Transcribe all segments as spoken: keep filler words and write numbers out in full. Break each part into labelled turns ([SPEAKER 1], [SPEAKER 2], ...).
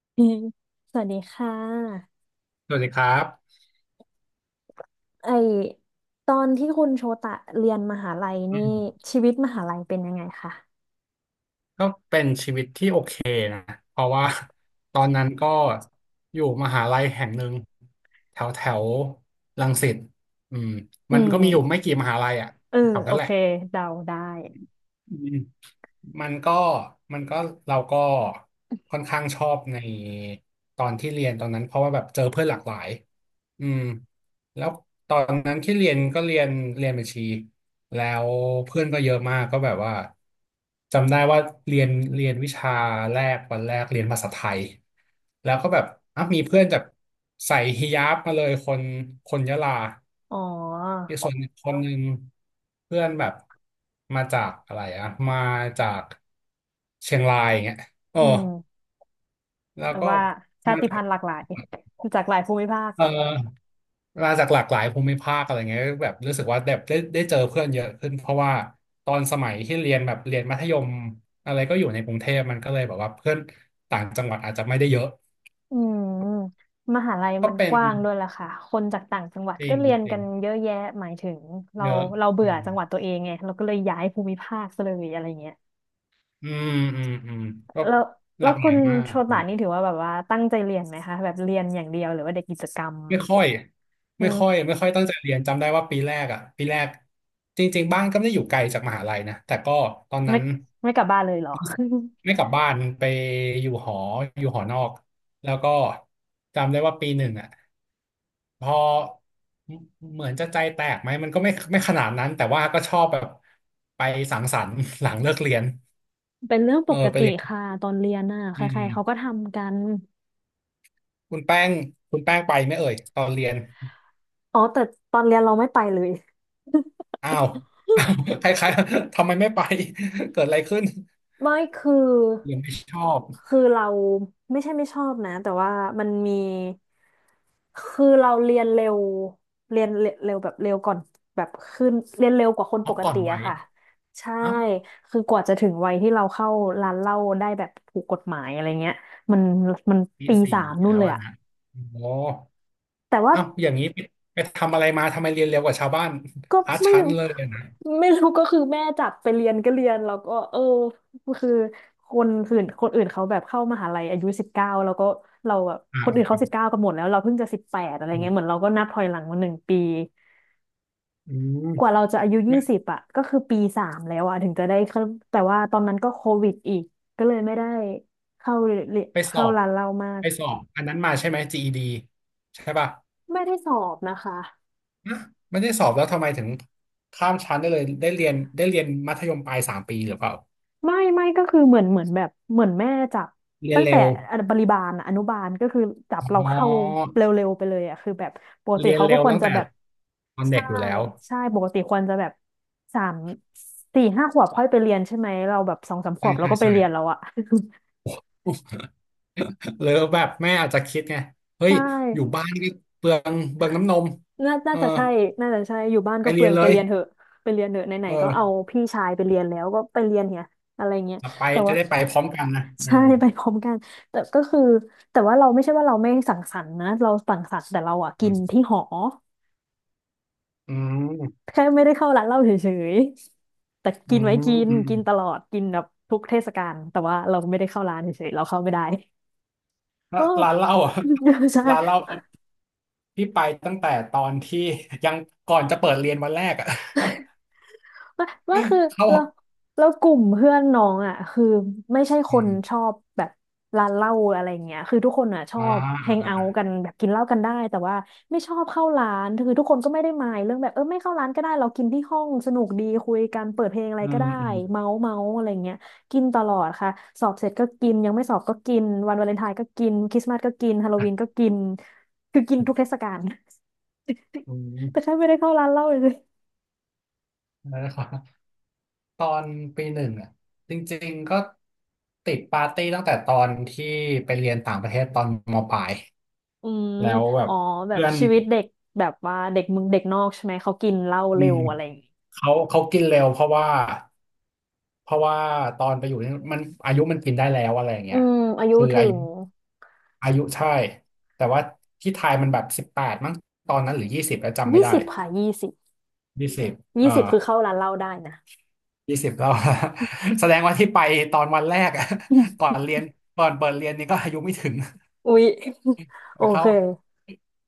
[SPEAKER 1] อืมสวัสดีค่ะ
[SPEAKER 2] สวัสดีครับ
[SPEAKER 1] ไอตอนที่คุณโชตะเรียนมหาลัย
[SPEAKER 2] อื
[SPEAKER 1] นี่
[SPEAKER 2] ม
[SPEAKER 1] ชีวิตมหาลัยเป็นยังไงคะ
[SPEAKER 2] ก็เป็นชีวิตที่โอเคนะ เพราะว่า ตอนนั้นก็อยู่มหาลัยแห่งหนึ่งแถวแถวรังสิตอืม
[SPEAKER 1] อื
[SPEAKER 2] มันก็มีอยู่
[SPEAKER 1] ม
[SPEAKER 2] ไม่กี่มหาลัยอ่ะ
[SPEAKER 1] เออ
[SPEAKER 2] แถว
[SPEAKER 1] โอ
[SPEAKER 2] นั้นแห
[SPEAKER 1] เค
[SPEAKER 2] ละ
[SPEAKER 1] เดาได้
[SPEAKER 2] อืมมันก็มันก็เราก็ค่อนข้างชอบในตอนที่เรียนตอนนั้นเพราะว่าแบบเจอเพื่อนหลากหลายอืม แล้วตอนนั้นที่เรียนก็เรียนเรียนบัญชีแล้วเพื่อนก็เยอะมากก็แบบว่าจำได้ว่าเรียนเรียนวิชาแรกวันแรกเรียนภาษาไทยแล้วก็แบบอ่ะมีเพื่อนจากใส่ฮิญาบมาเลยคนคนยะลา
[SPEAKER 1] อ๋อ
[SPEAKER 2] อีกส่วนอีกคนหนึ่งเพื่อนแบบมาจากอะไรอะมาจากเชียงรายอย่างเงี้ยโอ้
[SPEAKER 1] อืม
[SPEAKER 2] แล้ว
[SPEAKER 1] แบบ
[SPEAKER 2] ก็
[SPEAKER 1] ว่าชา
[SPEAKER 2] มา
[SPEAKER 1] ติ
[SPEAKER 2] จา
[SPEAKER 1] พั
[SPEAKER 2] ก
[SPEAKER 1] นธุ์หลากหลายจากหลายภูมิภาค
[SPEAKER 2] เออ มาจากหลากหลายภูมิภาคอะไรเงี้ยแบบรู้สึกว่าแบบได้ได้เจอเพื่อนเยอะขึ้นเพราะว่าตอนสมัยที่เรียนแบบเรียนมัธยมอะไรก็อยู่ในกรุงเทพมันก็เลยแบบว่าเพื่อนต่างจังหวัดอาจจะไม่ได้เยอะ
[SPEAKER 1] อืมมหาลัย
[SPEAKER 2] ก็
[SPEAKER 1] มัน
[SPEAKER 2] เป็
[SPEAKER 1] ก
[SPEAKER 2] น
[SPEAKER 1] ว้างด้วยล่ะค่ะคนจากต่างจังหวัด
[SPEAKER 2] จริ
[SPEAKER 1] ก็
[SPEAKER 2] ง
[SPEAKER 1] เรียน
[SPEAKER 2] จริ
[SPEAKER 1] กั
[SPEAKER 2] ง
[SPEAKER 1] นเยอะแยะหมายถึงเรา
[SPEAKER 2] เยอะ
[SPEAKER 1] เราเบื่
[SPEAKER 2] อื
[SPEAKER 1] อ
[SPEAKER 2] ม
[SPEAKER 1] จังหวัดตัวเองไงเราก็เลยย้ายภูมิภาคซะเลยอะไรเงี้ย
[SPEAKER 2] อืมอืมอืมก็
[SPEAKER 1] แล้ว
[SPEAKER 2] ห
[SPEAKER 1] แล้
[SPEAKER 2] ลา
[SPEAKER 1] ว
[SPEAKER 2] กห
[SPEAKER 1] คุ
[SPEAKER 2] ลาย
[SPEAKER 1] ณ
[SPEAKER 2] มา
[SPEAKER 1] โช
[SPEAKER 2] ก
[SPEAKER 1] ตานี่ถือว่าแบบว่าตั้งใจเรียนไหมคะแบบเรียนอย่างเดียวหรือว่าเด็กกิจกรรม
[SPEAKER 2] ไม่ค่อย
[SPEAKER 1] อื
[SPEAKER 2] ไม่ค่อ
[SPEAKER 1] ม
[SPEAKER 2] ยไม่ค่อยตั้งใจเรียนจำได้ว่าปีแรกอ่ะปีแรกจริงๆบ้านก็ไม่ได้อยู่ไกลจากมหาลัยนะแต่ก็ตอนนั้
[SPEAKER 1] ไม่
[SPEAKER 2] น
[SPEAKER 1] ไม่กลับบ้านเลยเหรอ
[SPEAKER 2] ไม่กลับบ้านไปอยู่หออยู่หอนอกแล้วก็จำได้ว่าปีหนึ่งอ่ะพอเหมือนจะใจแตกไหมมันก็ไม่ไม่ขนาดนั้นแต่ว่าก็ชอบแบบไปสังสรรค์ หลังเลิกเรียน
[SPEAKER 1] เป็นเรื่องป
[SPEAKER 2] เออ
[SPEAKER 1] ก
[SPEAKER 2] ไป
[SPEAKER 1] ติ
[SPEAKER 2] เรียน
[SPEAKER 1] ค่ะตอนเรียนน่ะใค
[SPEAKER 2] อื
[SPEAKER 1] ร
[SPEAKER 2] ม
[SPEAKER 1] ๆเขาก็ทำกัน
[SPEAKER 2] คุณแป้งคุณแป้งไปไหมเอ่ยตอนเรียน
[SPEAKER 1] อ๋อแต่ตอนเรียนเราไม่ไปเลย
[SPEAKER 2] อ้าว อ้าวคล้ายๆทำไมไม่ไป เกิดอะไรขึ้น
[SPEAKER 1] ไม่คือ
[SPEAKER 2] หรือไม่ชอบ
[SPEAKER 1] คือเราไม่ใช่ไม่ชอบนะแต่ว่ามันมีคือเราเรียนเร็วเรียนเร็วแบบเร็วก่อนแบบขึ้นเรียนเร็วกว่าคน
[SPEAKER 2] อ๋
[SPEAKER 1] ป
[SPEAKER 2] อ
[SPEAKER 1] ก
[SPEAKER 2] ก่อน
[SPEAKER 1] ติ
[SPEAKER 2] วั
[SPEAKER 1] อะ
[SPEAKER 2] ย
[SPEAKER 1] ค่ะใช่
[SPEAKER 2] เอ้า
[SPEAKER 1] คือกว่าจะถึงวัยที่เราเข้าร้านเหล้าได้แบบถูกกฎหมายอะไรเงี้ยมันมัน
[SPEAKER 2] ปี
[SPEAKER 1] ปีสา
[SPEAKER 2] สี่
[SPEAKER 1] มนู่น
[SPEAKER 2] แล้ว
[SPEAKER 1] เลย
[SPEAKER 2] อะ
[SPEAKER 1] อะ
[SPEAKER 2] นะโอ้
[SPEAKER 1] แต่ว่า
[SPEAKER 2] เอ้าอย่างนี้ไปไปทำอะไรมาทำไมเรียนเร็วกว่าชาวบ้าน
[SPEAKER 1] ก็
[SPEAKER 2] พา
[SPEAKER 1] ไม่
[SPEAKER 2] ชั้นเลยอะนะ
[SPEAKER 1] ไม่รู้ก็คือแม่จับไปเรียนก็เรียนแล้วก็เออคือคนอื่นคนอื่นเขาแบบเข้ามหาลัยอายุสิบเก้าแล้วก็เราแบบ
[SPEAKER 2] อ่
[SPEAKER 1] คนอื่
[SPEAKER 2] า
[SPEAKER 1] นเขาสิบเก้ากันหมดแล้วเราเพิ่งจะสิบแปดอะไรเงี้ยเหมื
[SPEAKER 2] อ
[SPEAKER 1] อนเราก็นับถอยหลังมาหนึ่งปี
[SPEAKER 2] อืม
[SPEAKER 1] กว่าเราจะอายุยี่
[SPEAKER 2] ไม่
[SPEAKER 1] สิบอ่ะก็คือปีสามแล้วอ่ะถึงจะได้เข้าแต่ว่าตอนนั้นก็โควิดอีกก็เลยไม่ได้เข้าเรียน
[SPEAKER 2] ไปสอ
[SPEAKER 1] เข้า
[SPEAKER 2] บ
[SPEAKER 1] ร้านเรามาก
[SPEAKER 2] ไปสอบอันนั้นมาใช่ไหม จี อี ดี ใช่ป่ะ
[SPEAKER 1] ไม่ได้สอบนะคะ
[SPEAKER 2] นะไม่ได้สอบแล้วทำไมถึงข้ามชั้นได้เลยได้เรียนได้เรียนมัธยมปลายสามปีหรือเปล่า
[SPEAKER 1] ไม่ไม่ก็คือเหมือนเหมือนแบบเหมือนแม่จับ
[SPEAKER 2] เรียน
[SPEAKER 1] ตั้ง
[SPEAKER 2] เร็
[SPEAKER 1] แต่
[SPEAKER 2] ว
[SPEAKER 1] บริบาลอะอนุบาลก็คือจับเรา
[SPEAKER 2] อ๋
[SPEAKER 1] เข้า
[SPEAKER 2] อ
[SPEAKER 1] เร็วๆไปเลยอะคือแบบปกติ
[SPEAKER 2] เรียน
[SPEAKER 1] เขา
[SPEAKER 2] เร็
[SPEAKER 1] ก็
[SPEAKER 2] ว
[SPEAKER 1] ควร
[SPEAKER 2] ตั้ง
[SPEAKER 1] จะ
[SPEAKER 2] แต่
[SPEAKER 1] แบบ
[SPEAKER 2] ตอนเด็
[SPEAKER 1] ใช่
[SPEAKER 2] กอยู่แล้ว
[SPEAKER 1] ใช่ปกติควรจะแบบสามสี่ห้าขวบค่อยไปเรียนใช่ไหมเราแบบสองสามข
[SPEAKER 2] ใช่
[SPEAKER 1] วบเรา
[SPEAKER 2] ใช่
[SPEAKER 1] ก็ไป
[SPEAKER 2] ใช่
[SPEAKER 1] เรียนแล้วอะ
[SPEAKER 2] หรือแบบแม่อาจจะคิดไง เฮ้ย
[SPEAKER 1] ใช่
[SPEAKER 2] อยู่บ้านก็เปลืองเปลืองน้ำนม
[SPEAKER 1] น่า
[SPEAKER 2] เอ
[SPEAKER 1] น่า
[SPEAKER 2] อ
[SPEAKER 1] จะใช่น่าจะใช่อยู่บ้าน
[SPEAKER 2] ไป
[SPEAKER 1] ก็เป
[SPEAKER 2] เรี
[SPEAKER 1] ลื
[SPEAKER 2] ย
[SPEAKER 1] อ
[SPEAKER 2] น
[SPEAKER 1] ง
[SPEAKER 2] เล
[SPEAKER 1] ไป
[SPEAKER 2] ย
[SPEAKER 1] เรียนเถอะไปเรียนเถอะไหน
[SPEAKER 2] เอ
[SPEAKER 1] ๆก็เอา
[SPEAKER 2] อ
[SPEAKER 1] พี่ชายไปเรียนแล้วก็ไปเรียนเนี่ยอะไรเงี้ย
[SPEAKER 2] ไป
[SPEAKER 1] แต่
[SPEAKER 2] จะ
[SPEAKER 1] ว่า
[SPEAKER 2] ได้ไปพร้อมกันนะอื
[SPEAKER 1] ใช่
[SPEAKER 2] ม
[SPEAKER 1] ไปพร้อมกันแต่ก็คือแต่ว่าเราไม่ใช่ว่าเราไม่สังสรรค์นะเราสังสรรค์แต่เราอ่ะ
[SPEAKER 2] อื
[SPEAKER 1] กิน
[SPEAKER 2] ม
[SPEAKER 1] ที่หอ
[SPEAKER 2] อืม
[SPEAKER 1] แค่ไม่ได้เข้าร้านเหล้าเฉยๆแต่
[SPEAKER 2] อื
[SPEAKER 1] กิน
[SPEAKER 2] ม
[SPEAKER 1] ไว้กิน
[SPEAKER 2] อืม
[SPEAKER 1] กินตลอดกินแบบทุกเทศกาลแต่ว่าเราไม่ได้เข้าร้านเฉยๆเราเข้าไม่ได้
[SPEAKER 2] แล้ว
[SPEAKER 1] ก็
[SPEAKER 2] ร้านเหล้าอ่ะ
[SPEAKER 1] ใช่
[SPEAKER 2] ร้านเหล้าที่ไปตั้งแต่ตอนที่ยังก่อนจะเปิดเรียนวันแรกอ่ะ
[SPEAKER 1] ว่าว่าคือ
[SPEAKER 2] เ
[SPEAKER 1] เรา
[SPEAKER 2] ข้า
[SPEAKER 1] เรากลุ่มเพื่อนน้องอ่ะคือ ไม่ใช่ค
[SPEAKER 2] อื
[SPEAKER 1] นชอ
[SPEAKER 2] ม
[SPEAKER 1] บแบบร้านเหล้าอะไรเงี้ยคือทุกคนอ่ะชอ
[SPEAKER 2] อ่า
[SPEAKER 1] บแฮ
[SPEAKER 2] อ่า
[SPEAKER 1] งเอาท์กั
[SPEAKER 2] อ่า
[SPEAKER 1] นแบบกินเหล้ากันได้ แต่ว่าไม่ชอบเข้าร้าน คือทุกคนก็ไม่ได้มายเรื่องแบบเออไม่เข้าร้านก็ได้เรากินที่ห้องสนุกดีคุยกันเปิดเพลงอะไร
[SPEAKER 2] อื
[SPEAKER 1] ก็
[SPEAKER 2] ม
[SPEAKER 1] ได้
[SPEAKER 2] อืม
[SPEAKER 1] เมาส์เมาส์อะไรเงี้ยกินตลอดค่ะสอบเสร็จก็กินยังไม่สอบก็กินวันวาเลนไทน์ก็กินคริสต์มาสก็กินฮาโลวีนก็กินคือกินทุกเทศกาล
[SPEAKER 2] อืม
[SPEAKER 1] แต่แค่ไม่ได้เข้าร้านเหล้าเลย
[SPEAKER 2] แล้วก็ ตอนปีหนึ่งอ่ะจริงๆก็ติดปาร์ตี้ตั้งแต่ตอนที่ไปเรียนต่างประเทศตอนมปลาย
[SPEAKER 1] อืม
[SPEAKER 2] แล้วแบ
[SPEAKER 1] อ๋
[SPEAKER 2] บ
[SPEAKER 1] อแบบ
[SPEAKER 2] เพื่อน
[SPEAKER 1] ชีวิตเด็กแบบว่าเด็กมึงเด็กนอกใช่ไหมเขากินเหล้า
[SPEAKER 2] อื
[SPEAKER 1] เร็ว
[SPEAKER 2] ม
[SPEAKER 1] อะไรอย่างงี้
[SPEAKER 2] เขาเขากินเร็วเพราะว่าเพราะว่าตอนไปอยู่นี่มันอายุมันกินได้แล้วอะไรอย่าง
[SPEAKER 1] อื
[SPEAKER 2] เงี้ย
[SPEAKER 1] มอายุ
[SPEAKER 2] คือ
[SPEAKER 1] ถึ
[SPEAKER 2] อายุ
[SPEAKER 1] ง
[SPEAKER 2] อายุใช่แต่ว่าที่ไทยมันแบบสิบแปดมั้งตอนนั้นหรือยี่สิบแล้วจำไม่
[SPEAKER 1] ยี่
[SPEAKER 2] ได้
[SPEAKER 1] สิบค่ะยี่สิบ
[SPEAKER 2] ยี่สิบ
[SPEAKER 1] ยี่
[SPEAKER 2] เอ่อ
[SPEAKER 1] สิบคือเข้าร้านเหล้าได้นะ
[SPEAKER 2] ยี่สิบแล้ว แสดงว่าที่ไปตอนวันแรกอะ ก่อ นเรียนก่อนเปิดเรียนนี่ก็อายุไม่ถึง
[SPEAKER 1] อุ๊ย โอ
[SPEAKER 2] เขา
[SPEAKER 1] เค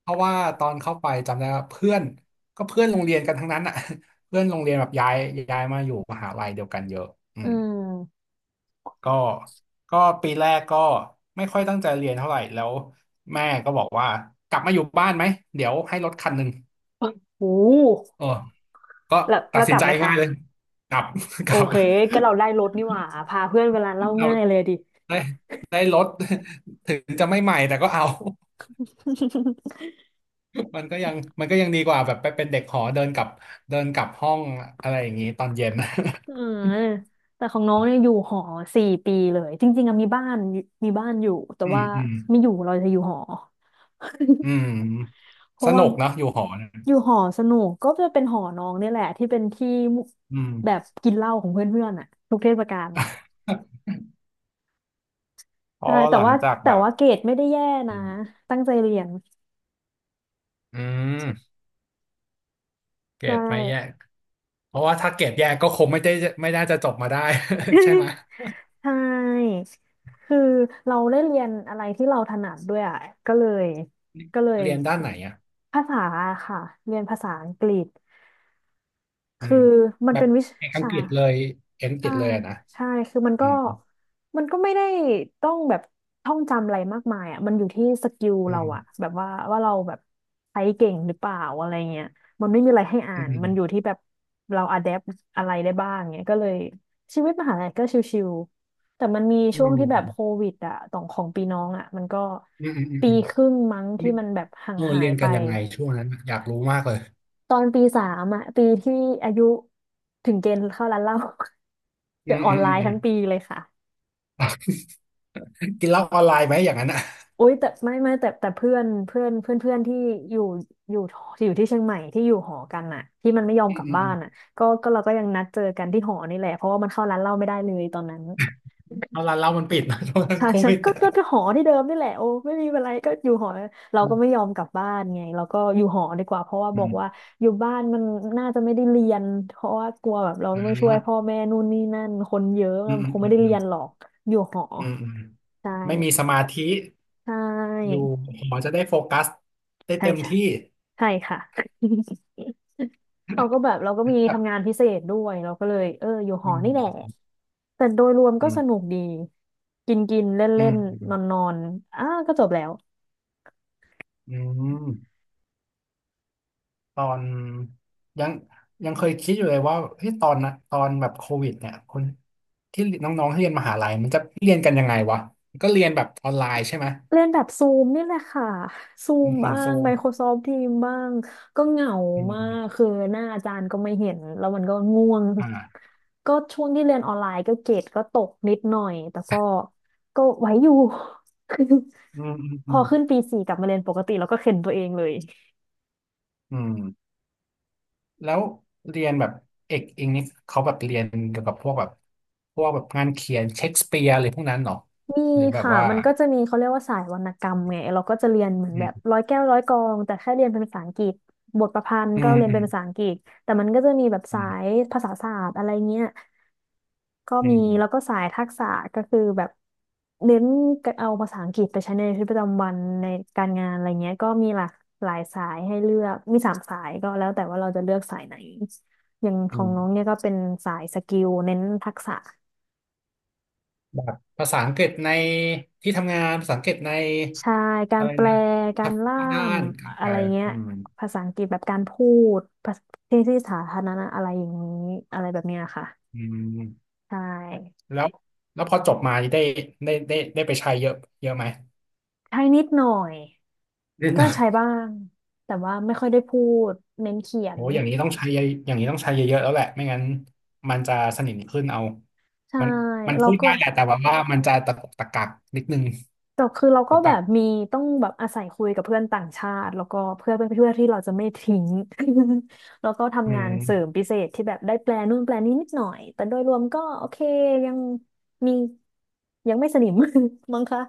[SPEAKER 2] เพราะว่าตอนเข้าไปจำได้ว่าเพื่อนก็เพื่อนโรงเรียนกันทั้งนั้นอ่ะ เพื่อนโรงเรียนแบบย้ายย้ายมาอยู่มหาลัยเดียวกันเยอะอื
[SPEAKER 1] อื
[SPEAKER 2] ม
[SPEAKER 1] ม
[SPEAKER 2] ก็ก็ปีแรกก็ไม่ค่อยตั้งใจเรียนเท่าไหร่แล้วแม่ก็บอกว่ากลับมาอยู่บ้านไหมเดี๋ยวให้รถคันหนึ่ง
[SPEAKER 1] โอ้
[SPEAKER 2] เออก็
[SPEAKER 1] แล้ว
[SPEAKER 2] ตั
[SPEAKER 1] แล้
[SPEAKER 2] ด
[SPEAKER 1] ว
[SPEAKER 2] สิ
[SPEAKER 1] ก
[SPEAKER 2] น
[SPEAKER 1] ลับ
[SPEAKER 2] ใจ
[SPEAKER 1] ไหม
[SPEAKER 2] ง่ายเลย
[SPEAKER 1] คะ
[SPEAKER 2] กลับ ก
[SPEAKER 1] โอ
[SPEAKER 2] ลับ
[SPEAKER 1] เคก็เราได้รถนี่หว่าพาเพื่อนเว ลาเหล่า
[SPEAKER 2] เอา
[SPEAKER 1] ง่ายเลยดิ
[SPEAKER 2] ได้ได้รถ ถึงจะไม่ใหม่แต่ก็เอา มันก็ยังมันก็ยังดีกว่าแบบไปเป็นเด็กหอเดินกลับเดินกลับห้องอะไรอย่างนี้ตอนเย็น
[SPEAKER 1] อื มแต่ของน้องเนี่ยอยู่หอสี่ปีเลยจริงๆอะมีบ้านมีบ้านอยู่แต่
[SPEAKER 2] อืม
[SPEAKER 1] ว่า
[SPEAKER 2] อืม
[SPEAKER 1] ไม่อยู่เราจะอยู่หอ
[SPEAKER 2] อื ม
[SPEAKER 1] เพ
[SPEAKER 2] ส
[SPEAKER 1] ราะว่า
[SPEAKER 2] นุกเนอะอยู่หอเน
[SPEAKER 1] อยู่
[SPEAKER 2] ย
[SPEAKER 1] หอสนุกก็จะเป็นหอน้องเนี่ยแหละที่เป็นที่
[SPEAKER 2] อืม
[SPEAKER 1] แบบกินเหล้าของเพื่อนๆอ่ะทุกเทศกาล
[SPEAKER 2] พอ
[SPEAKER 1] ใช่แต่
[SPEAKER 2] หลัง
[SPEAKER 1] ว่า
[SPEAKER 2] จาก
[SPEAKER 1] แต่
[SPEAKER 2] แบบ
[SPEAKER 1] ว่าเกรดไม่ได้แย่
[SPEAKER 2] อื
[SPEAKER 1] นะ
[SPEAKER 2] ม
[SPEAKER 1] ตั้งใจเรียน
[SPEAKER 2] อืมเกร
[SPEAKER 1] ใช่
[SPEAKER 2] ดไม่แยกเพราะว่าถ้าเกรดแยกก็คงไม่ได้ไม่น่าจะจบมาได้ ใช่ไหม
[SPEAKER 1] ใช่คือเราได้เรียนอะไรที่เราถนัดด้วยอ่ะก็เลยก็เลย
[SPEAKER 2] เรียนด้านไหนอ่ะ
[SPEAKER 1] ภาษาค่ะเรียนภาษาอังกฤษ
[SPEAKER 2] อื
[SPEAKER 1] คื
[SPEAKER 2] ม
[SPEAKER 1] อมัน
[SPEAKER 2] แบบ
[SPEAKER 1] เป็นวิ
[SPEAKER 2] เอกอัง
[SPEAKER 1] ชา
[SPEAKER 2] กฤษเลยเอกอังกฤ
[SPEAKER 1] ใช่
[SPEAKER 2] ษเลยอะนะ
[SPEAKER 1] ใช่คือมัน
[SPEAKER 2] อื
[SPEAKER 1] ก็
[SPEAKER 2] ม
[SPEAKER 1] มันก็ไม่ได้ต้องแบบท่องจำอะไรมากมายอ่ะมันอยู่ที่สกิล
[SPEAKER 2] อื
[SPEAKER 1] เราอ่ะ
[SPEAKER 2] ม
[SPEAKER 1] แบบว่าว่าเราแบบใช้เก่งหรือเปล่าอะไรเงี้ยมันไม่มีอะไรให้อ่า
[SPEAKER 2] อื
[SPEAKER 1] นมันอยู่
[SPEAKER 2] ม
[SPEAKER 1] ที่แบบเราอะแดปอะไรได้บ้างเงี้ยก็เลยชีวิตมหาลัยก็ชิวๆแต่มันมี
[SPEAKER 2] อื
[SPEAKER 1] ช่วง
[SPEAKER 2] ม
[SPEAKER 1] ที่แบบโควิดอ่ะต่องของปีน้องอ่ะมันก็
[SPEAKER 2] อืมอืมอืม
[SPEAKER 1] ปี
[SPEAKER 2] อืม
[SPEAKER 1] ครึ่งมั้งที่
[SPEAKER 2] เรียน
[SPEAKER 1] มันแบบห่า
[SPEAKER 2] เอ
[SPEAKER 1] ง
[SPEAKER 2] อ
[SPEAKER 1] หา
[SPEAKER 2] เรีย
[SPEAKER 1] ย
[SPEAKER 2] น
[SPEAKER 1] ไป
[SPEAKER 2] กันยังไงช่วงนั้นอยากรู้มากเลย
[SPEAKER 1] ตอนปีสามอ่ะปีที่อายุถึงเกณฑ์เข้าร้านเหล้า
[SPEAKER 2] อื
[SPEAKER 1] จะ
[SPEAKER 2] ม
[SPEAKER 1] ออ
[SPEAKER 2] อื
[SPEAKER 1] น
[SPEAKER 2] ม
[SPEAKER 1] ไล
[SPEAKER 2] อืม
[SPEAKER 1] น์
[SPEAKER 2] อืม
[SPEAKER 1] ทั้ง ปีเลยค่ะ
[SPEAKER 2] กินเหล้าออนไลน์ไหมอย่างนั้นอ่ะ
[SPEAKER 1] อุ้ยแต่ไม่ไม่แต่แต่เพื่อนเพื่อนเพื่อนเพื่อนที่อยู่อยู่อยู่ที่เชียงใหม่ที่อยู่หอกันอ่ะที่มันไม่ยอม
[SPEAKER 2] อื
[SPEAKER 1] ก
[SPEAKER 2] ม
[SPEAKER 1] ลับ
[SPEAKER 2] อืม
[SPEAKER 1] บ้า
[SPEAKER 2] อืม
[SPEAKER 1] นอ่ะก็ก็เราก็ยังนัดเจอกันที่หอนี่แหละเพราะว่ามันเข้าร้านเหล้าไม่ได้เลยตอนนั้น
[SPEAKER 2] เอาร้านเหล้ามันปิดนะตอนนั้น
[SPEAKER 1] ใช่
[SPEAKER 2] โค
[SPEAKER 1] ใช่
[SPEAKER 2] วิด
[SPEAKER 1] ก็
[SPEAKER 2] อะ
[SPEAKER 1] ก็ก็หอที่เดิมนี่แหละโอ้ไม่มีอะไรก็อยู่หอเรา
[SPEAKER 2] อื
[SPEAKER 1] ก็ไม่
[SPEAKER 2] ม
[SPEAKER 1] ยอมกลับบ้านไงเราก็อยู่หอดีกว่าเพราะว่า
[SPEAKER 2] อื
[SPEAKER 1] บอกว่า
[SPEAKER 2] ม
[SPEAKER 1] อยู่บ้านมันน่าจะไม่ได้เรียนเพราะว่ากลัวแบบเรา
[SPEAKER 2] อ่
[SPEAKER 1] ต้องช่วยพ่อ
[SPEAKER 2] า
[SPEAKER 1] แม่นู่นนี่นั่นคนเยอะ
[SPEAKER 2] อื
[SPEAKER 1] มั
[SPEAKER 2] ม
[SPEAKER 1] น
[SPEAKER 2] อื
[SPEAKER 1] ค
[SPEAKER 2] ม
[SPEAKER 1] ง
[SPEAKER 2] อื
[SPEAKER 1] ไม่
[SPEAKER 2] ม
[SPEAKER 1] ได้
[SPEAKER 2] อื
[SPEAKER 1] เรี
[SPEAKER 2] ม
[SPEAKER 1] ยนหรอกอยู่หอ
[SPEAKER 2] อืมอืม
[SPEAKER 1] ใช่
[SPEAKER 2] ไม่มีสมาธิ
[SPEAKER 1] ใช
[SPEAKER 2] อยู่
[SPEAKER 1] ่
[SPEAKER 2] หมอจะได้โฟกัสได้
[SPEAKER 1] ใช่
[SPEAKER 2] เต็ม
[SPEAKER 1] ใช่
[SPEAKER 2] ที่
[SPEAKER 1] ใช่ค่ะ เราก็แบบเราก็มี
[SPEAKER 2] ค
[SPEAKER 1] ทำ
[SPEAKER 2] รับ
[SPEAKER 1] งานพิเศษด้วยเราก็เลยเอออยู่ห
[SPEAKER 2] อื
[SPEAKER 1] อนี่แหละ
[SPEAKER 2] ม
[SPEAKER 1] แต่โดยรวม
[SPEAKER 2] อื
[SPEAKER 1] ก็สนุ
[SPEAKER 2] ม
[SPEAKER 1] กดีกินกินเล่น
[SPEAKER 2] อื
[SPEAKER 1] เล่
[SPEAKER 2] ม
[SPEAKER 1] น
[SPEAKER 2] อืม
[SPEAKER 1] นอนนอนๆอ้าก็จบแล้ว
[SPEAKER 2] อืมตอนยังยังเคยคิดอยู่เลยว่าเฮ้ยตอนนะตอนแบบโควิดเนี่ยคนที่น้องๆที่เรียนมหาลัยมันจะเรียนกันยังไงวะก็เรียนแบบออนไลน์ใช่ไหม
[SPEAKER 1] เรียนแบบซูมนี่แหละค่ะซูม
[SPEAKER 2] ผ่า
[SPEAKER 1] บ้า
[SPEAKER 2] นโซ
[SPEAKER 1] ง
[SPEAKER 2] ม
[SPEAKER 1] ไมโครซอฟท์ ทีมส์ บ้างก็เหงา
[SPEAKER 2] อื
[SPEAKER 1] มาก
[SPEAKER 2] ม
[SPEAKER 1] คือหน้าอาจารย์ก็ไม่เห็นแล้วมันก็ง่วง
[SPEAKER 2] อ่า
[SPEAKER 1] ก็ช่วงที่เรียนออนไลน์ก็เกรดก็ตกนิดหน่อยแต่ก็ก็ไหวอยู่ คือ
[SPEAKER 2] อืมอืม
[SPEAKER 1] พ
[SPEAKER 2] อื
[SPEAKER 1] อ
[SPEAKER 2] ม
[SPEAKER 1] ขึ้นปีสี่กลับมาเรียนปกติแล้วก็เข็นตัวเองเลย
[SPEAKER 2] อืมแล้วเรียนแบบเอกอิงนี่เขาแบบเรียนเกี่ยวกับพวกแบบพวกแบบงานเขียนเชคสเปียร์อะไรพวกนั้นเหรอ
[SPEAKER 1] มี
[SPEAKER 2] หรือแบบ
[SPEAKER 1] ค่ะ
[SPEAKER 2] ว่า
[SPEAKER 1] มันก็จะมีเขาเรียกว่าสายวรรณกรรมไงเราก็จะเรียนเหมือนแบบ
[SPEAKER 2] อืม
[SPEAKER 1] ร้อยแก้วร้อยกลองแต่แค่เรียนเป็นภาษาอังกฤษบทประพันธ์
[SPEAKER 2] อื
[SPEAKER 1] ก็
[SPEAKER 2] ม
[SPEAKER 1] เรียน
[SPEAKER 2] อื
[SPEAKER 1] เป็น
[SPEAKER 2] ม
[SPEAKER 1] ภาษาอังกฤษแต่มันก็จะมีแบบ
[SPEAKER 2] อื
[SPEAKER 1] สาย
[SPEAKER 2] ม
[SPEAKER 1] ภาษาศาสตร์อะไรเงี้ยก็
[SPEAKER 2] อื
[SPEAKER 1] มี
[SPEAKER 2] ม
[SPEAKER 1] แล้วก็สายทักษะก็คือแบบเน้นเอาภาษาอังกฤษไปใช้ในชีวิตประจำวันในการงานอะไรเงี้ยก็มีหลากหลายสายให้เลือกมีสามสายก็แล้วแต่ว่าเราจะเลือกสายไหนอย่างข
[SPEAKER 2] อื
[SPEAKER 1] องน้องเนี่
[SPEAKER 2] ม
[SPEAKER 1] ยก็เป็นสายสกิลเน้นทักษะ
[SPEAKER 2] แบบภาษาอังกฤษในที่ทำงานภาษาอังกฤษใน
[SPEAKER 1] ใช่กา
[SPEAKER 2] อะ
[SPEAKER 1] ร
[SPEAKER 2] ไร
[SPEAKER 1] แปล
[SPEAKER 2] นะ
[SPEAKER 1] กา
[SPEAKER 2] ทั
[SPEAKER 1] ร
[SPEAKER 2] บ
[SPEAKER 1] ล่า
[SPEAKER 2] ด้า
[SPEAKER 1] ม
[SPEAKER 2] น
[SPEAKER 1] อะ
[SPEAKER 2] อ่า
[SPEAKER 1] ไรเงี้ย
[SPEAKER 2] อืม
[SPEAKER 1] ภาษาอังกฤษแบบการพูดภาษาที่ที่สาธารณะอะไรอย่างนี้อะไรแบบเนี้ยค่ะ
[SPEAKER 2] อืม
[SPEAKER 1] ใช่
[SPEAKER 2] แล้วแล้วพอจบมาได้ได้ได้ได้ไปใช้เยอะเยอะไหม
[SPEAKER 1] ใช้นิดหน่อย
[SPEAKER 2] นิดห
[SPEAKER 1] ก็
[SPEAKER 2] น่อย
[SPEAKER 1] ใช้บ้างแต่ว่าไม่ค่อยได้พูดเน้นเขีย
[SPEAKER 2] โอ้
[SPEAKER 1] น
[SPEAKER 2] อย่างนี้ต้องใช้เยอะอย่างนี้ต้องใช้เยอะๆแล้วแหละ ไม่งั้นมันจะสนิมขึ้นเอา
[SPEAKER 1] ใช่
[SPEAKER 2] มันมัน
[SPEAKER 1] แล้
[SPEAKER 2] พู
[SPEAKER 1] ว
[SPEAKER 2] ด
[SPEAKER 1] ก็
[SPEAKER 2] ได้แหละแต่ว่าว่ามันจะตะกุกตะกักนิดนึง
[SPEAKER 1] แต่คือเรา
[SPEAKER 2] ห
[SPEAKER 1] ก็
[SPEAKER 2] รือเป
[SPEAKER 1] แบ
[SPEAKER 2] ล่า
[SPEAKER 1] บมีต้องแบบอาศัยคุยกับเพื่อนต่างชาติแล้วก็เพื่อนเพื่อนเพื่อที่เราจะไม่ทิ้ง แล้วก็
[SPEAKER 2] อื
[SPEAKER 1] ทำงานเสริม
[SPEAKER 2] ม
[SPEAKER 1] พิเศษที่แบบได้แปลนู่นแปลนี้นิดหน่อยแต่โดยรวมก็โอเคยังมียังไม่สนิม มั้งคะ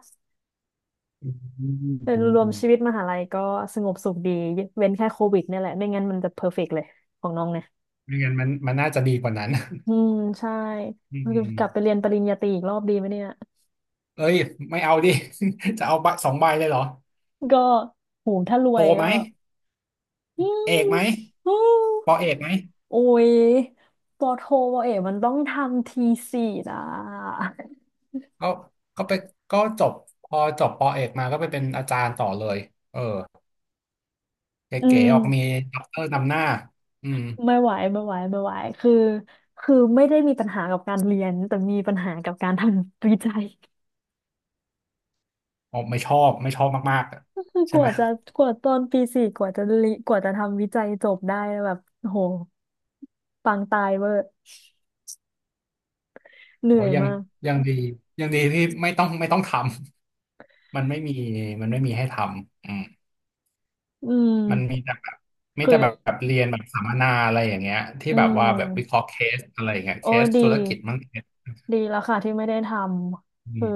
[SPEAKER 2] อืมอื
[SPEAKER 1] โดย
[SPEAKER 2] ม
[SPEAKER 1] รว
[SPEAKER 2] อื
[SPEAKER 1] ม
[SPEAKER 2] ม
[SPEAKER 1] ชีวิตมหาลัยก็สงบสุขดีเว้นแค่โควิดเนี่ยแหละไม่งั้นมันจะเพอร์เฟกต์เลยของน้องเนี่ย
[SPEAKER 2] ไม่งั้นมันมันน่าจะดีกว่านั้น
[SPEAKER 1] อืมใช่
[SPEAKER 2] อื
[SPEAKER 1] กลับไป
[SPEAKER 2] ม
[SPEAKER 1] เรียนปริญญาตรีอีกรอบดีไหมเนี่ย
[SPEAKER 2] เอ้ยไม่เอาดิ จะเอาใบสองใบเลยเหรอ
[SPEAKER 1] ก็โหถ้าร
[SPEAKER 2] โท
[SPEAKER 1] วย
[SPEAKER 2] ไหม
[SPEAKER 1] ก็ อื
[SPEAKER 2] เอก
[SPEAKER 1] ม
[SPEAKER 2] ไหม
[SPEAKER 1] อืม
[SPEAKER 2] ปอเอกไหม
[SPEAKER 1] โอ้ยปอโทปอเอกมันต้องทำทีสี่นะ
[SPEAKER 2] ก็ก็ไปก็จบพอจบปอเอกมาก็ไปเป็นอาจารย์ต่อเลย เออเ
[SPEAKER 1] อื
[SPEAKER 2] ก๋
[SPEAKER 1] ม
[SPEAKER 2] ๆออกมีด็อกเตอร์นำหน้าอืม
[SPEAKER 1] ไม่ไหวไม่ไหวไม่ไหวคือคือไม่ได้มีปัญหากับการเรียนแต่มีปัญหากับการทำวิจัย
[SPEAKER 2] อ๋อไม่ชอบไม่ชอบมากๆอะ
[SPEAKER 1] คือก
[SPEAKER 2] ใช่ไหม
[SPEAKER 1] ว่าจะกว่าตอนปีสี่กว่าจะลิกว่าจะทำวิจัยจบได้แบบโอ้โหปังตายเวอร์เห
[SPEAKER 2] โอ้
[SPEAKER 1] นื่อย
[SPEAKER 2] ยัง
[SPEAKER 1] มาก
[SPEAKER 2] ยังดียังดีที่ไม่ต้องไม่ต้องทำ มันไม่มีมันไม่มีให้ทำอืม
[SPEAKER 1] อื
[SPEAKER 2] มันมี
[SPEAKER 1] ม
[SPEAKER 2] แต่แบบมี
[SPEAKER 1] คือ
[SPEAKER 2] แต่แบบแบบเรียนแบบสัมมนาอะไรอย่างเงี้ยที่
[SPEAKER 1] อื
[SPEAKER 2] แบบว่าแบบวิเค
[SPEAKER 1] ม
[SPEAKER 2] ราะห์เคสอะไรอย่างเงี้ยเค
[SPEAKER 1] โอ้
[SPEAKER 2] ส
[SPEAKER 1] ดี
[SPEAKER 2] ธุรกิจมั้งเคส
[SPEAKER 1] ดีแล้วค่ะที่ไม่ได้ท
[SPEAKER 2] อื
[SPEAKER 1] ำคือ
[SPEAKER 2] ม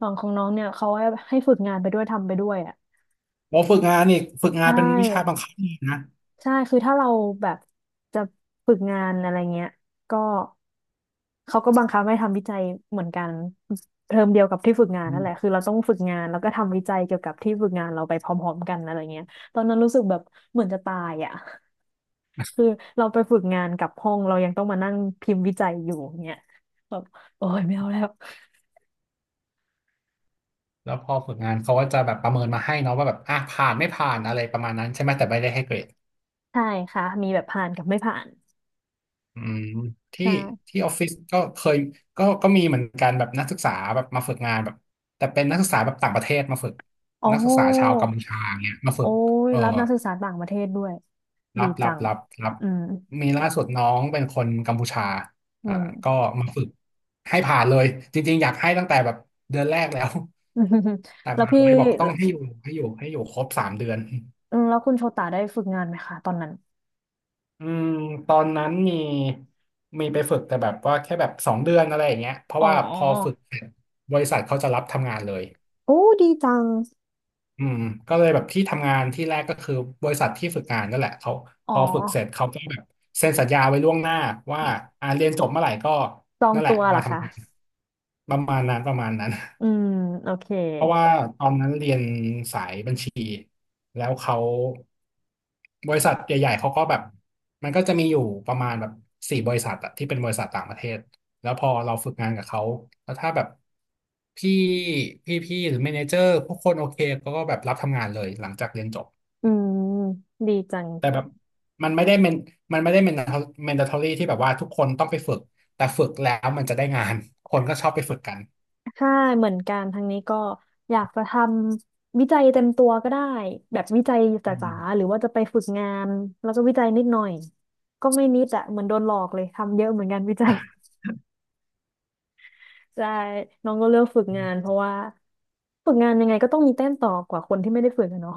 [SPEAKER 1] ฝั่งของน้องเนี่ยเขาให้ให้ฝึกงานไปด้วยทำไปด้วยอ่ะ
[SPEAKER 2] โอฝึกงานนี่ฝึก
[SPEAKER 1] ใช
[SPEAKER 2] งานเป็นวิชาบั
[SPEAKER 1] ่
[SPEAKER 2] งคับนี่นะ
[SPEAKER 1] ใช่คือถ้าเราแบบจะฝึกงานอะไรเงี้ยก็เขาก็บังคับให้ทำวิจัยเหมือนกันเทอมเดียวกับที่ฝึกงาน
[SPEAKER 2] อื
[SPEAKER 1] นั่นแหละ
[SPEAKER 2] ม
[SPEAKER 1] คือเราต้องฝึกงานแล้วก็ทำวิจัยเกี่ยวกับที่ฝึกงานเราไปพร้อมๆกันอะไรเงี้ยตอนนั้นรู้สึกแบบเหมือนจะตายอ่ะ คือเราไปฝึกงานกับห้องเรายังต้องมานั่งพิมพ์วิจัยอยู่เงี้ยแบบโอ้ยไม่เอาแล้ว
[SPEAKER 2] แล้วพอฝึกงานเขาก็จะแบบประเมินมาให้เนาะว่าแบบอ่ะผ่านไม่ผ่านอะไรประมาณนั้นใช่ไหมแต่ไม่ได้ให้เกรด
[SPEAKER 1] ใช่ค่ะมีแบบผ่านกับไม่ผ่าน
[SPEAKER 2] อืมที่
[SPEAKER 1] ใช่
[SPEAKER 2] ที่ออฟฟิศก็เคยก็ก็มีเหมือนกันแบบนักศึกษาแบบมาฝึกงานแบบแต่เป็นนักศึกษาแบบต่างประเทศมาฝึก
[SPEAKER 1] โอ้
[SPEAKER 2] นักศึกษาชาวกัมพูชาเงี้ยมาฝึ
[SPEAKER 1] โอ้
[SPEAKER 2] ก
[SPEAKER 1] ย
[SPEAKER 2] เออ
[SPEAKER 1] รับนักศึกษาต่างประเทศด้วย
[SPEAKER 2] รั
[SPEAKER 1] ดี
[SPEAKER 2] บรั
[SPEAKER 1] จั
[SPEAKER 2] บ
[SPEAKER 1] ง
[SPEAKER 2] รับรับ
[SPEAKER 1] อืม
[SPEAKER 2] มีล่าสุดน้องเป็นคนกัมพูชา
[SPEAKER 1] อื
[SPEAKER 2] อ่า
[SPEAKER 1] ม
[SPEAKER 2] ก็มาฝึกให้ผ่านเลยจริงๆอยากให้ตั้งแต่แบบเดือนแรกแล้วแต่
[SPEAKER 1] แล้
[SPEAKER 2] ม
[SPEAKER 1] ว
[SPEAKER 2] หา
[SPEAKER 1] พี่
[SPEAKER 2] อะไรบอกต้องให้อยู่ให้อยู่ให้อยู่ครบสามเดือน
[SPEAKER 1] อืมแล้วคุณโชตาได้ฝึกงานไหมคะตอนนั้น
[SPEAKER 2] อืมตอนนั้นมีมีไปฝึกแต่แบบว่าแค่แบบสองเดือนอะไรอย่างเงี้ยเพ
[SPEAKER 1] อ๋
[SPEAKER 2] ราะ
[SPEAKER 1] อ
[SPEAKER 2] ว่าพอฝึกเสร็จบริษัทเขาจะรับทำงานเลย
[SPEAKER 1] โอ้ดีจัง
[SPEAKER 2] อืมก็เลยแบบที่ทำงานที่แรกก็คือบริษัทที่ฝึกงานนั่นแหละเขา
[SPEAKER 1] อ๋
[SPEAKER 2] พ
[SPEAKER 1] อ
[SPEAKER 2] อฝึกเสร็จเขาก็แบบเซ็นสัญญาไว้ล่วงหน้าว่าอ่าเรียนจบเมื่อไหร่ก็
[SPEAKER 1] จอง
[SPEAKER 2] นั่นแห
[SPEAKER 1] ตั
[SPEAKER 2] ละ
[SPEAKER 1] วเหร
[SPEAKER 2] มา
[SPEAKER 1] อคะ
[SPEAKER 2] ทำงานประมาณนั้นประมาณนั้น
[SPEAKER 1] อืมโอเค
[SPEAKER 2] เพราะว่าตอนนั้นเรียนสายบัญชีแล้วเขาบริษัทใหญ่ๆเขาก็แบบมันก็จะมีอยู่ประมาณแบบสี่บริษัทอะที่เป็นบริษัทต่างประเทศแล้วพอเราฝึกงานกับเขาแล้วถ้าแบบพี่พี่พี่หรือเมเนเจอร์พวกคนโอเคเขาก็แบบรับทำงานเลยหลังจากเรียนจบ
[SPEAKER 1] อืมดีจัง
[SPEAKER 2] แต่แบบมันไม่ได้เมนมันไม่ได้เมนเมนดาทอรี่ที่แบบว่าทุกคนต้องไปฝึกแต่ฝึกแล้วมันจะได้งานคนก็ชอบไปฝึกกัน
[SPEAKER 1] ใช่เหมือนกันทางนี้ก็อยากจะทำวิจัยเต็มตัวก็ได้แบบวิจัยจ
[SPEAKER 2] อื
[SPEAKER 1] ๋าๆ
[SPEAKER 2] ม
[SPEAKER 1] หรือว่าจะไปฝึกงานแล้วก็วิจัยนิดหน่อยก็ไม่นิดอะเหมือนโดนหลอกเลยทำเยอะเหมือนกันวิจัย ใช่น้องก็เลือกฝึกงานเพราะว่าฝึกงานยังไงก็ต้องมีแต้มต่อกว่าคนที่ไม่ได้ฝึกอะเนาะ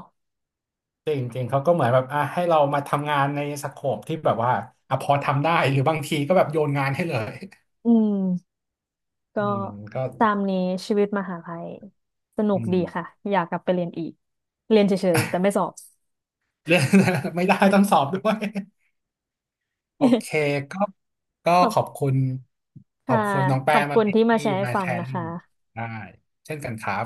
[SPEAKER 2] จริงจริงเขาก็เหมือนแบบอ่ะให้เรามาทำงานในสโคปที่แบบว่าอ่ะพอทำได้หรือบางทีก็แบบโยนงานให้เลย
[SPEAKER 1] อืมก็
[SPEAKER 2] อืมก็
[SPEAKER 1] ตามนี้ชีวิตมหาลัยสนุ
[SPEAKER 2] อื
[SPEAKER 1] ก
[SPEAKER 2] ม
[SPEAKER 1] ดีค่ะอยากกลับไปเรียนอีกเรียนเฉยๆแต่ไม่สอบ
[SPEAKER 2] เรื่อง ไม่ได้ต้องสอบด้วยโอ เคก็ก็
[SPEAKER 1] ขอบ
[SPEAKER 2] ขอบคุณขอ
[SPEAKER 1] ค่ะ
[SPEAKER 2] บคุณน้อง
[SPEAKER 1] ข
[SPEAKER 2] แป้
[SPEAKER 1] อบ
[SPEAKER 2] งมา
[SPEAKER 1] คุ
[SPEAKER 2] ก
[SPEAKER 1] ณที่มา
[SPEAKER 2] ที่
[SPEAKER 1] แชร์ให้
[SPEAKER 2] มา
[SPEAKER 1] ฟั
[SPEAKER 2] แช
[SPEAKER 1] ง
[SPEAKER 2] ร์
[SPEAKER 1] นะ
[SPEAKER 2] ลิ
[SPEAKER 1] คะ
[SPEAKER 2] งได้เช่นกันครับ